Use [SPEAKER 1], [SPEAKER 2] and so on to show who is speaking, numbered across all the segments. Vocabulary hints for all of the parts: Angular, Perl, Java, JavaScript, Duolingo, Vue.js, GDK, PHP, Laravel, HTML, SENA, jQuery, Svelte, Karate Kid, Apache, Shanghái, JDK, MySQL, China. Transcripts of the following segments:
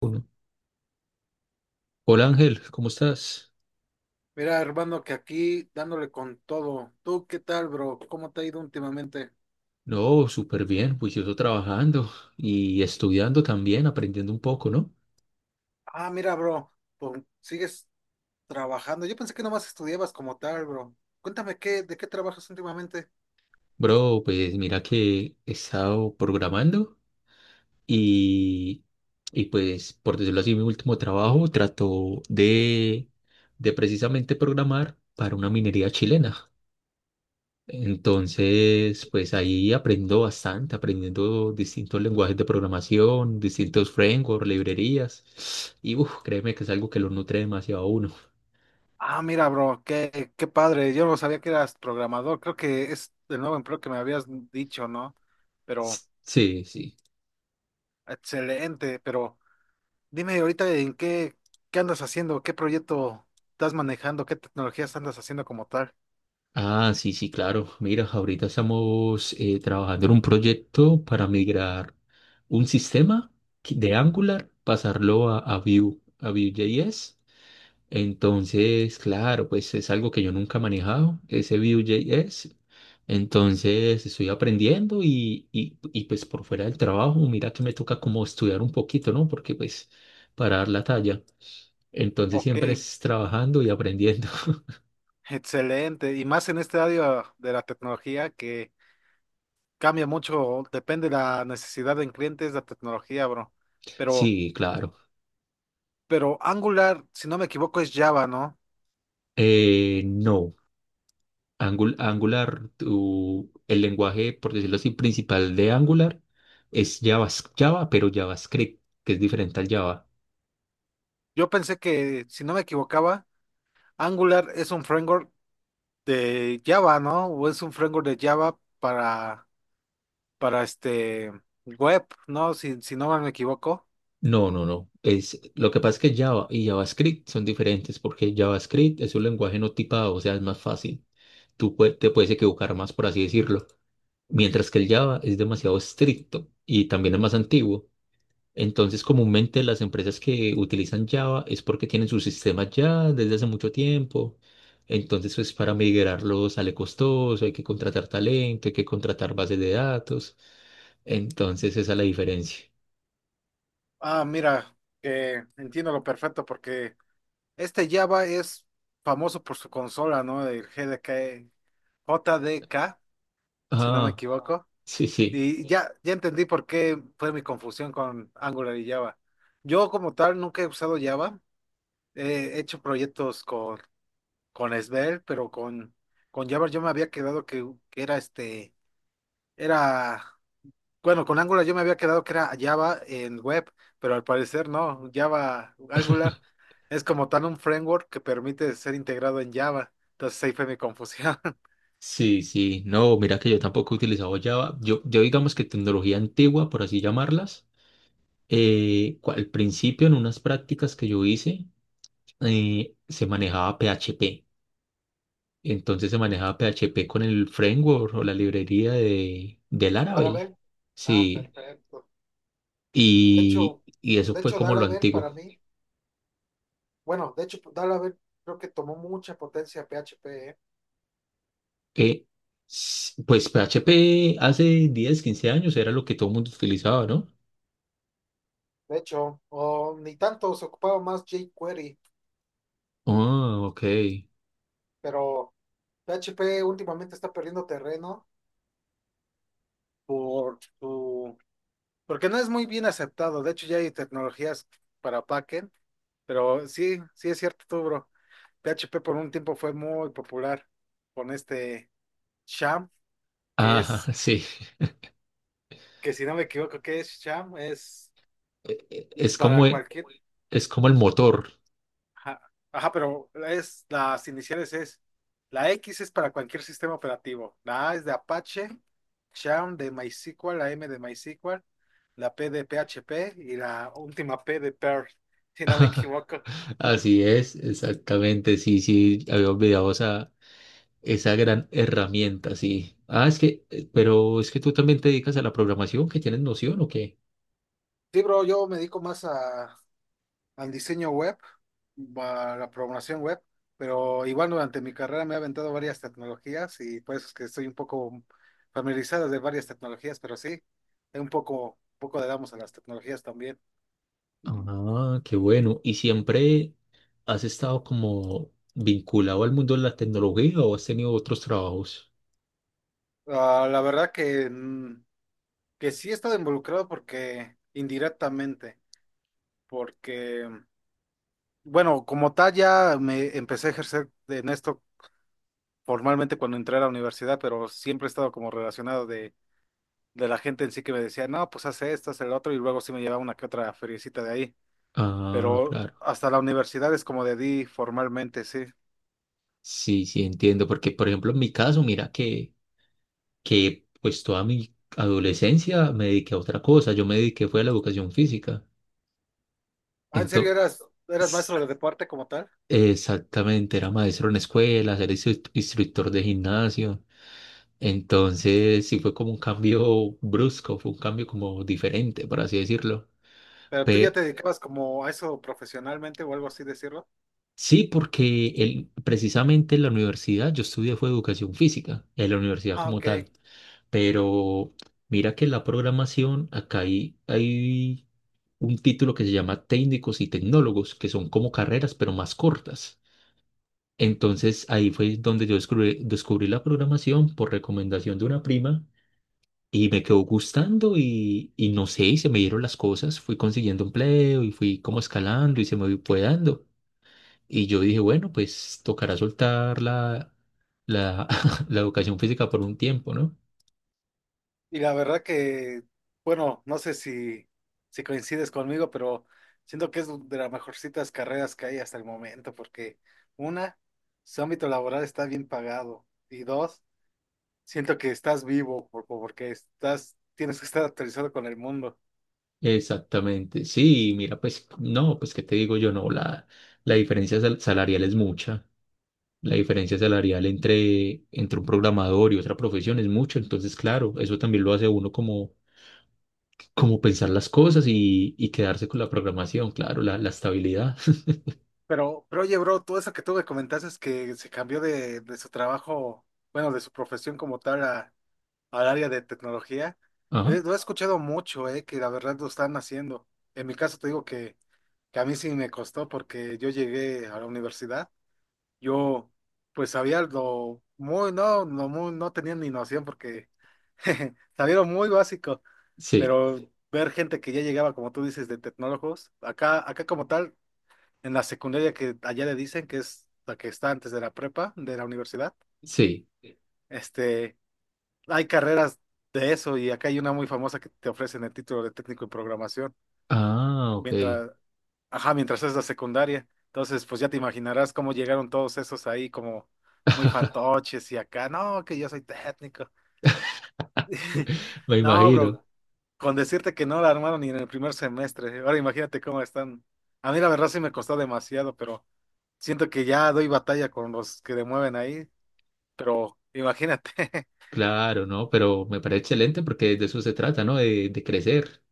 [SPEAKER 1] Uno. Hola Ángel, ¿cómo estás?
[SPEAKER 2] Mira, hermano, que aquí dándole con todo. ¿Tú qué tal, bro? ¿Cómo te ha ido últimamente?
[SPEAKER 1] No, súper bien, juicioso trabajando y estudiando también, aprendiendo un poco, ¿no?
[SPEAKER 2] Ah, mira, bro, pues sigues trabajando. Yo pensé que nomás estudiabas como tal, bro. Cuéntame ¿de qué trabajas últimamente?
[SPEAKER 1] Bro, pues mira que he estado programando y, y pues por decirlo así, mi último trabajo trató de precisamente programar para una minería chilena. Entonces, pues ahí aprendo bastante, aprendiendo distintos lenguajes de programación, distintos frameworks, librerías. Y uf, créeme que es algo que lo nutre demasiado a uno.
[SPEAKER 2] Ah, mira, bro, qué padre. Yo no sabía que eras programador. Creo que es el nuevo empleo que me habías dicho, ¿no? Pero,
[SPEAKER 1] Sí, sí.
[SPEAKER 2] excelente. Pero dime ahorita en qué andas haciendo, qué proyecto estás manejando, qué tecnologías andas haciendo como tal.
[SPEAKER 1] Ah, sí, sí, claro. Mira, ahorita estamos trabajando en un proyecto para migrar un sistema de Angular, pasarlo a Vue, a Vue.js. Entonces, claro, pues es algo que yo nunca he manejado, ese Vue.js. Entonces, estoy aprendiendo y pues por fuera del trabajo, mira que me toca como estudiar un poquito, ¿no? Porque pues para dar la talla. Entonces,
[SPEAKER 2] Ok.
[SPEAKER 1] siempre es trabajando y aprendiendo.
[SPEAKER 2] Excelente, y más en este área de la tecnología que cambia mucho, depende de la necesidad del cliente, es la tecnología, bro. Pero,
[SPEAKER 1] Sí, claro.
[SPEAKER 2] pero Angular, si no me equivoco, es Java, ¿no?
[SPEAKER 1] No, Angular, el lenguaje, por decirlo así, principal de Angular es Java, pero JavaScript, que es diferente al Java.
[SPEAKER 2] Yo pensé que, si no me equivocaba, Angular es un framework de Java, ¿no? O es un framework de Java para este web, ¿no? Si, si no me equivoco.
[SPEAKER 1] No, no, no. Lo que pasa es que Java y JavaScript son diferentes porque JavaScript es un lenguaje no tipado, o sea, es más fácil. Tú te puedes equivocar más, por así decirlo. Mientras que el Java es demasiado estricto y también es más antiguo. Entonces, comúnmente las empresas que utilizan Java es porque tienen sus sistemas ya desde hace mucho tiempo. Entonces, pues para migrarlos sale costoso, hay que contratar talento, hay que contratar bases de datos. Entonces, esa es la diferencia.
[SPEAKER 2] Ah, mira, que entiendo lo perfecto porque este Java es famoso por su consola, ¿no? El GDK, JDK, si no me
[SPEAKER 1] Ah,
[SPEAKER 2] equivoco.
[SPEAKER 1] sí, sí.
[SPEAKER 2] Y sí, ya, ya entendí por qué fue mi confusión con Angular y Java. Yo como tal nunca he usado Java. He hecho proyectos con Svelte, pero con Java yo me había quedado que era era bueno, con Angular yo me había quedado que era Java en web, pero al parecer no, Java Angular es como tan un framework que permite ser integrado en Java. Entonces ahí fue mi confusión.
[SPEAKER 1] Sí, sí, no, mira que yo tampoco he utilizado Java. Yo digamos que tecnología antigua, por así llamarlas, al principio en unas prácticas que yo hice se manejaba PHP. Entonces se manejaba PHP con el framework o la librería de Laravel.
[SPEAKER 2] Laravel. Ah,
[SPEAKER 1] Sí,
[SPEAKER 2] perfecto. De hecho,
[SPEAKER 1] y eso
[SPEAKER 2] de
[SPEAKER 1] fue
[SPEAKER 2] hecho,
[SPEAKER 1] como lo
[SPEAKER 2] Laravel
[SPEAKER 1] antiguo.
[SPEAKER 2] para mí, bueno, de hecho, Laravel creo que tomó mucha potencia PHP, ¿eh?
[SPEAKER 1] Eh, pues PHP hace 10, 15 años era lo que todo el mundo utilizaba, ¿no?
[SPEAKER 2] De hecho, o ni tanto se ocupaba más jQuery,
[SPEAKER 1] Ah, ok.
[SPEAKER 2] pero PHP últimamente está perdiendo terreno por su. Porque no es muy bien aceptado. De hecho, ya hay tecnologías para backend, pero sí, sí es cierto, tú, bro. PHP por un tiempo fue muy popular con este Sham, que
[SPEAKER 1] Ah,
[SPEAKER 2] es,
[SPEAKER 1] sí.
[SPEAKER 2] que si no me equivoco, ¿qué es Sham? Es
[SPEAKER 1] E- e- Es
[SPEAKER 2] para
[SPEAKER 1] como, e,
[SPEAKER 2] cualquier.
[SPEAKER 1] es como el motor.
[SPEAKER 2] Ajá, ajá, pero es las iniciales es. La X es para cualquier sistema operativo. La A es de Apache, Sham de MySQL, la M de MySQL, la P de PHP y la última P de Perl, si no me equivoco.
[SPEAKER 1] Así es, exactamente. Sí, sí, había olvidado esa gran herramienta, sí. Ah, es que, pero es que tú también te dedicas a la programación, que tienes noción o qué.
[SPEAKER 2] Sí, bro, yo me dedico más al diseño web, a la programación web, pero igual durante mi carrera me he aventado varias tecnologías y por eso es que estoy un poco familiarizado de varias tecnologías, pero sí, es un poco le damos a las tecnologías también.
[SPEAKER 1] Ah, qué bueno. ¿Y siempre has estado como vinculado al mundo de la tecnología o has tenido otros trabajos?
[SPEAKER 2] Ah, la verdad que, que sí he estado involucrado porque indirectamente, porque, bueno, como tal ya me empecé a ejercer en esto formalmente cuando entré a la universidad, pero siempre he estado como relacionado de la gente en sí que me decía, no, pues hace esto, hace el otro, y luego sí me llevaba una que otra feriecita de ahí.
[SPEAKER 1] Ah,
[SPEAKER 2] Pero
[SPEAKER 1] claro.
[SPEAKER 2] hasta la universidad es como de di formalmente, sí.
[SPEAKER 1] Sí, sí, entiendo. Porque, por ejemplo, en mi caso, mira que pues toda mi adolescencia me dediqué a otra cosa. Yo me dediqué fue a la educación física.
[SPEAKER 2] Ah, ¿en serio
[SPEAKER 1] Ento-
[SPEAKER 2] eras
[SPEAKER 1] S-
[SPEAKER 2] maestro de deporte como tal?
[SPEAKER 1] Exactamente, era maestro en escuelas, era instructor de gimnasio. Entonces, sí fue como un cambio brusco, fue un cambio como diferente, por así decirlo.
[SPEAKER 2] Pero tú ya
[SPEAKER 1] Pero
[SPEAKER 2] te dedicabas como a eso profesionalmente o algo así decirlo.
[SPEAKER 1] sí, porque él, precisamente en la universidad yo estudié fue educación física, en la universidad
[SPEAKER 2] Ah,
[SPEAKER 1] como
[SPEAKER 2] ok.
[SPEAKER 1] tal. Pero mira que la programación, acá hay un título que se llama técnicos y tecnólogos, que son como carreras, pero más cortas. Entonces ahí fue donde yo descubrí la programación por recomendación de una prima y me quedó gustando y no sé, y se me dieron las cosas, fui consiguiendo empleo y fui como escalando y se me fue dando. Y yo dije, bueno, pues tocará soltar la, la educación física por un tiempo, ¿no?
[SPEAKER 2] Y la verdad que, bueno, no sé si coincides conmigo, pero siento que es de las mejorcitas carreras que hay hasta el momento, porque una, su ámbito laboral está bien pagado. Y dos, siento que estás vivo porque estás, tienes que estar actualizado con el mundo.
[SPEAKER 1] Exactamente, sí, mira, pues no, pues qué te digo yo, no, la diferencia salarial es mucha. La diferencia salarial entre un programador y otra profesión es mucho, entonces claro, eso también lo hace a uno como pensar las cosas y quedarse con la programación, claro, la estabilidad.
[SPEAKER 2] Pero oye, bro, todo eso que tú me comentaste es que se cambió de su trabajo, bueno, de su profesión como tal al área de tecnología.
[SPEAKER 1] Ajá,
[SPEAKER 2] Lo he escuchado mucho, que la verdad lo están haciendo. En mi caso te digo que a mí sí me costó porque yo llegué a la universidad. Yo, pues sabía lo muy, no, no, muy, no tenía ni noción porque sabía lo muy básico.
[SPEAKER 1] sí,
[SPEAKER 2] Pero ver gente que ya llegaba, como tú dices, de tecnólogos, acá como tal, en la secundaria que allá le dicen, que es la que está antes de la prepa, de la universidad.
[SPEAKER 1] sí.
[SPEAKER 2] Sí. Este, hay carreras de eso y acá hay una muy famosa que te ofrecen el título de técnico en programación,
[SPEAKER 1] Ah, ok.
[SPEAKER 2] mientras, ajá, mientras es la secundaria. Entonces, pues ya te imaginarás cómo llegaron todos esos ahí como muy fantoches y acá, no, que yo soy técnico.
[SPEAKER 1] Me
[SPEAKER 2] No,
[SPEAKER 1] imagino.
[SPEAKER 2] bro, con decirte que no la armaron ni en el primer semestre. Ahora imagínate cómo están. A mí la verdad sí me costó demasiado, pero siento que ya doy batalla con los que le mueven ahí. Pero imagínate.
[SPEAKER 1] Claro, ¿no? Pero me parece excelente porque de eso se trata, ¿no? De crecer.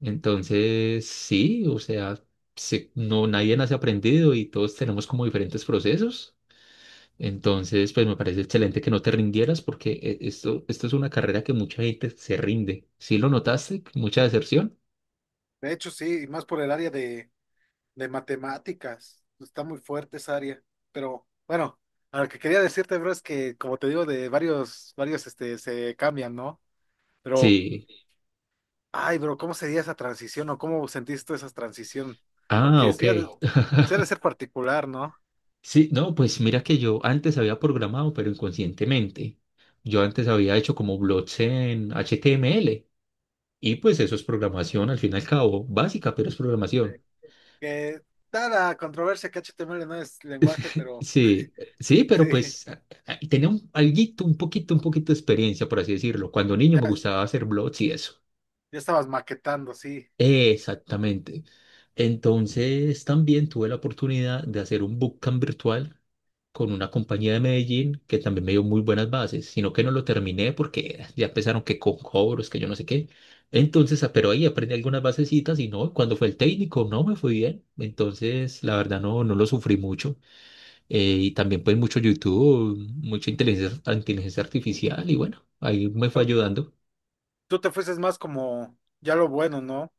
[SPEAKER 1] Entonces, sí, o sea, no, nadie nace aprendido y todos tenemos como diferentes procesos. Entonces, pues me parece excelente que no te rindieras porque esto es una carrera que mucha gente se rinde. ¿Sí lo notaste? ¿Mucha deserción?
[SPEAKER 2] De hecho, sí, y más por el área de matemáticas. Está muy fuerte esa área. Pero bueno, a lo que quería decirte, bro, es que como te digo, de varios este, se cambian, ¿no? Pero,
[SPEAKER 1] Sí.
[SPEAKER 2] ay, bro, ¿cómo sería esa transición o cómo sentiste esa transición?
[SPEAKER 1] Ah,
[SPEAKER 2] Porque
[SPEAKER 1] ok.
[SPEAKER 2] sí, sí ha de ser particular, ¿no?
[SPEAKER 1] Sí, no, pues mira que yo antes había programado, pero inconscientemente. Yo antes había hecho como blogs en HTML y pues eso es programación al fin y al cabo, básica, pero es
[SPEAKER 2] Sí.
[SPEAKER 1] programación.
[SPEAKER 2] Que da la controversia que HTML no es lenguaje, pero
[SPEAKER 1] Sí, sí, pero
[SPEAKER 2] sí,
[SPEAKER 1] pues tenía un alguito, un poquito de experiencia, por así decirlo. Cuando niño
[SPEAKER 2] ya,
[SPEAKER 1] me
[SPEAKER 2] ya
[SPEAKER 1] gustaba hacer blogs y eso.
[SPEAKER 2] estabas maquetando, sí.
[SPEAKER 1] Exactamente. Entonces, también tuve la oportunidad de hacer un bootcamp virtual con una compañía de Medellín que también me dio muy buenas bases, sino que no lo terminé porque ya empezaron que con cobros, que yo no sé qué. Entonces, ah, pero ahí aprendí algunas basecitas y no, cuando fue el técnico, no me fue bien. Entonces, la verdad, no, no lo sufrí mucho. Y también pues mucho YouTube, mucha inteligencia, inteligencia artificial y bueno, ahí me fue
[SPEAKER 2] ¿No?
[SPEAKER 1] ayudando.
[SPEAKER 2] Tú te fuiste más como ya lo bueno, ¿no?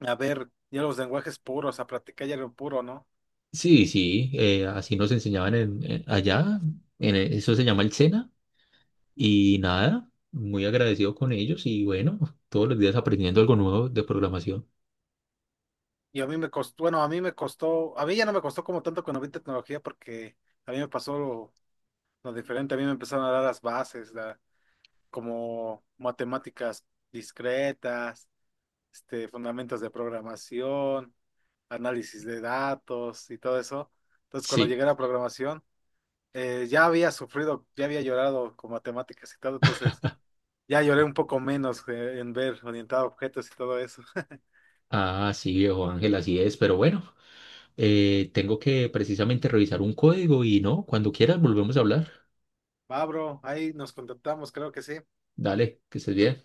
[SPEAKER 2] A ver, ya los lenguajes puros, a practicar ya lo puro, ¿no?
[SPEAKER 1] Sí, sí, así nos enseñaban allá, eso se llama el SENA, y nada, muy agradecido con ellos y bueno, todos los días aprendiendo algo nuevo de programación.
[SPEAKER 2] Y a mí me costó, bueno, a mí me costó, a mí ya no me costó como tanto cuando vi tecnología porque a mí me pasó lo diferente, a mí me empezaron a dar las bases, como matemáticas discretas, este, fundamentos de programación, análisis de datos y todo eso. Entonces, cuando
[SPEAKER 1] Sí,
[SPEAKER 2] llegué a la programación, ya había sufrido, ya había llorado con matemáticas y todo, entonces ya lloré un poco menos en ver orientado a objetos y todo eso.
[SPEAKER 1] ah, sí, viejo Ángel, así es, pero bueno, tengo que precisamente revisar un código y no, cuando quieras volvemos a hablar.
[SPEAKER 2] Va, bro, ahí nos contactamos, creo que sí.
[SPEAKER 1] Dale, que estés bien.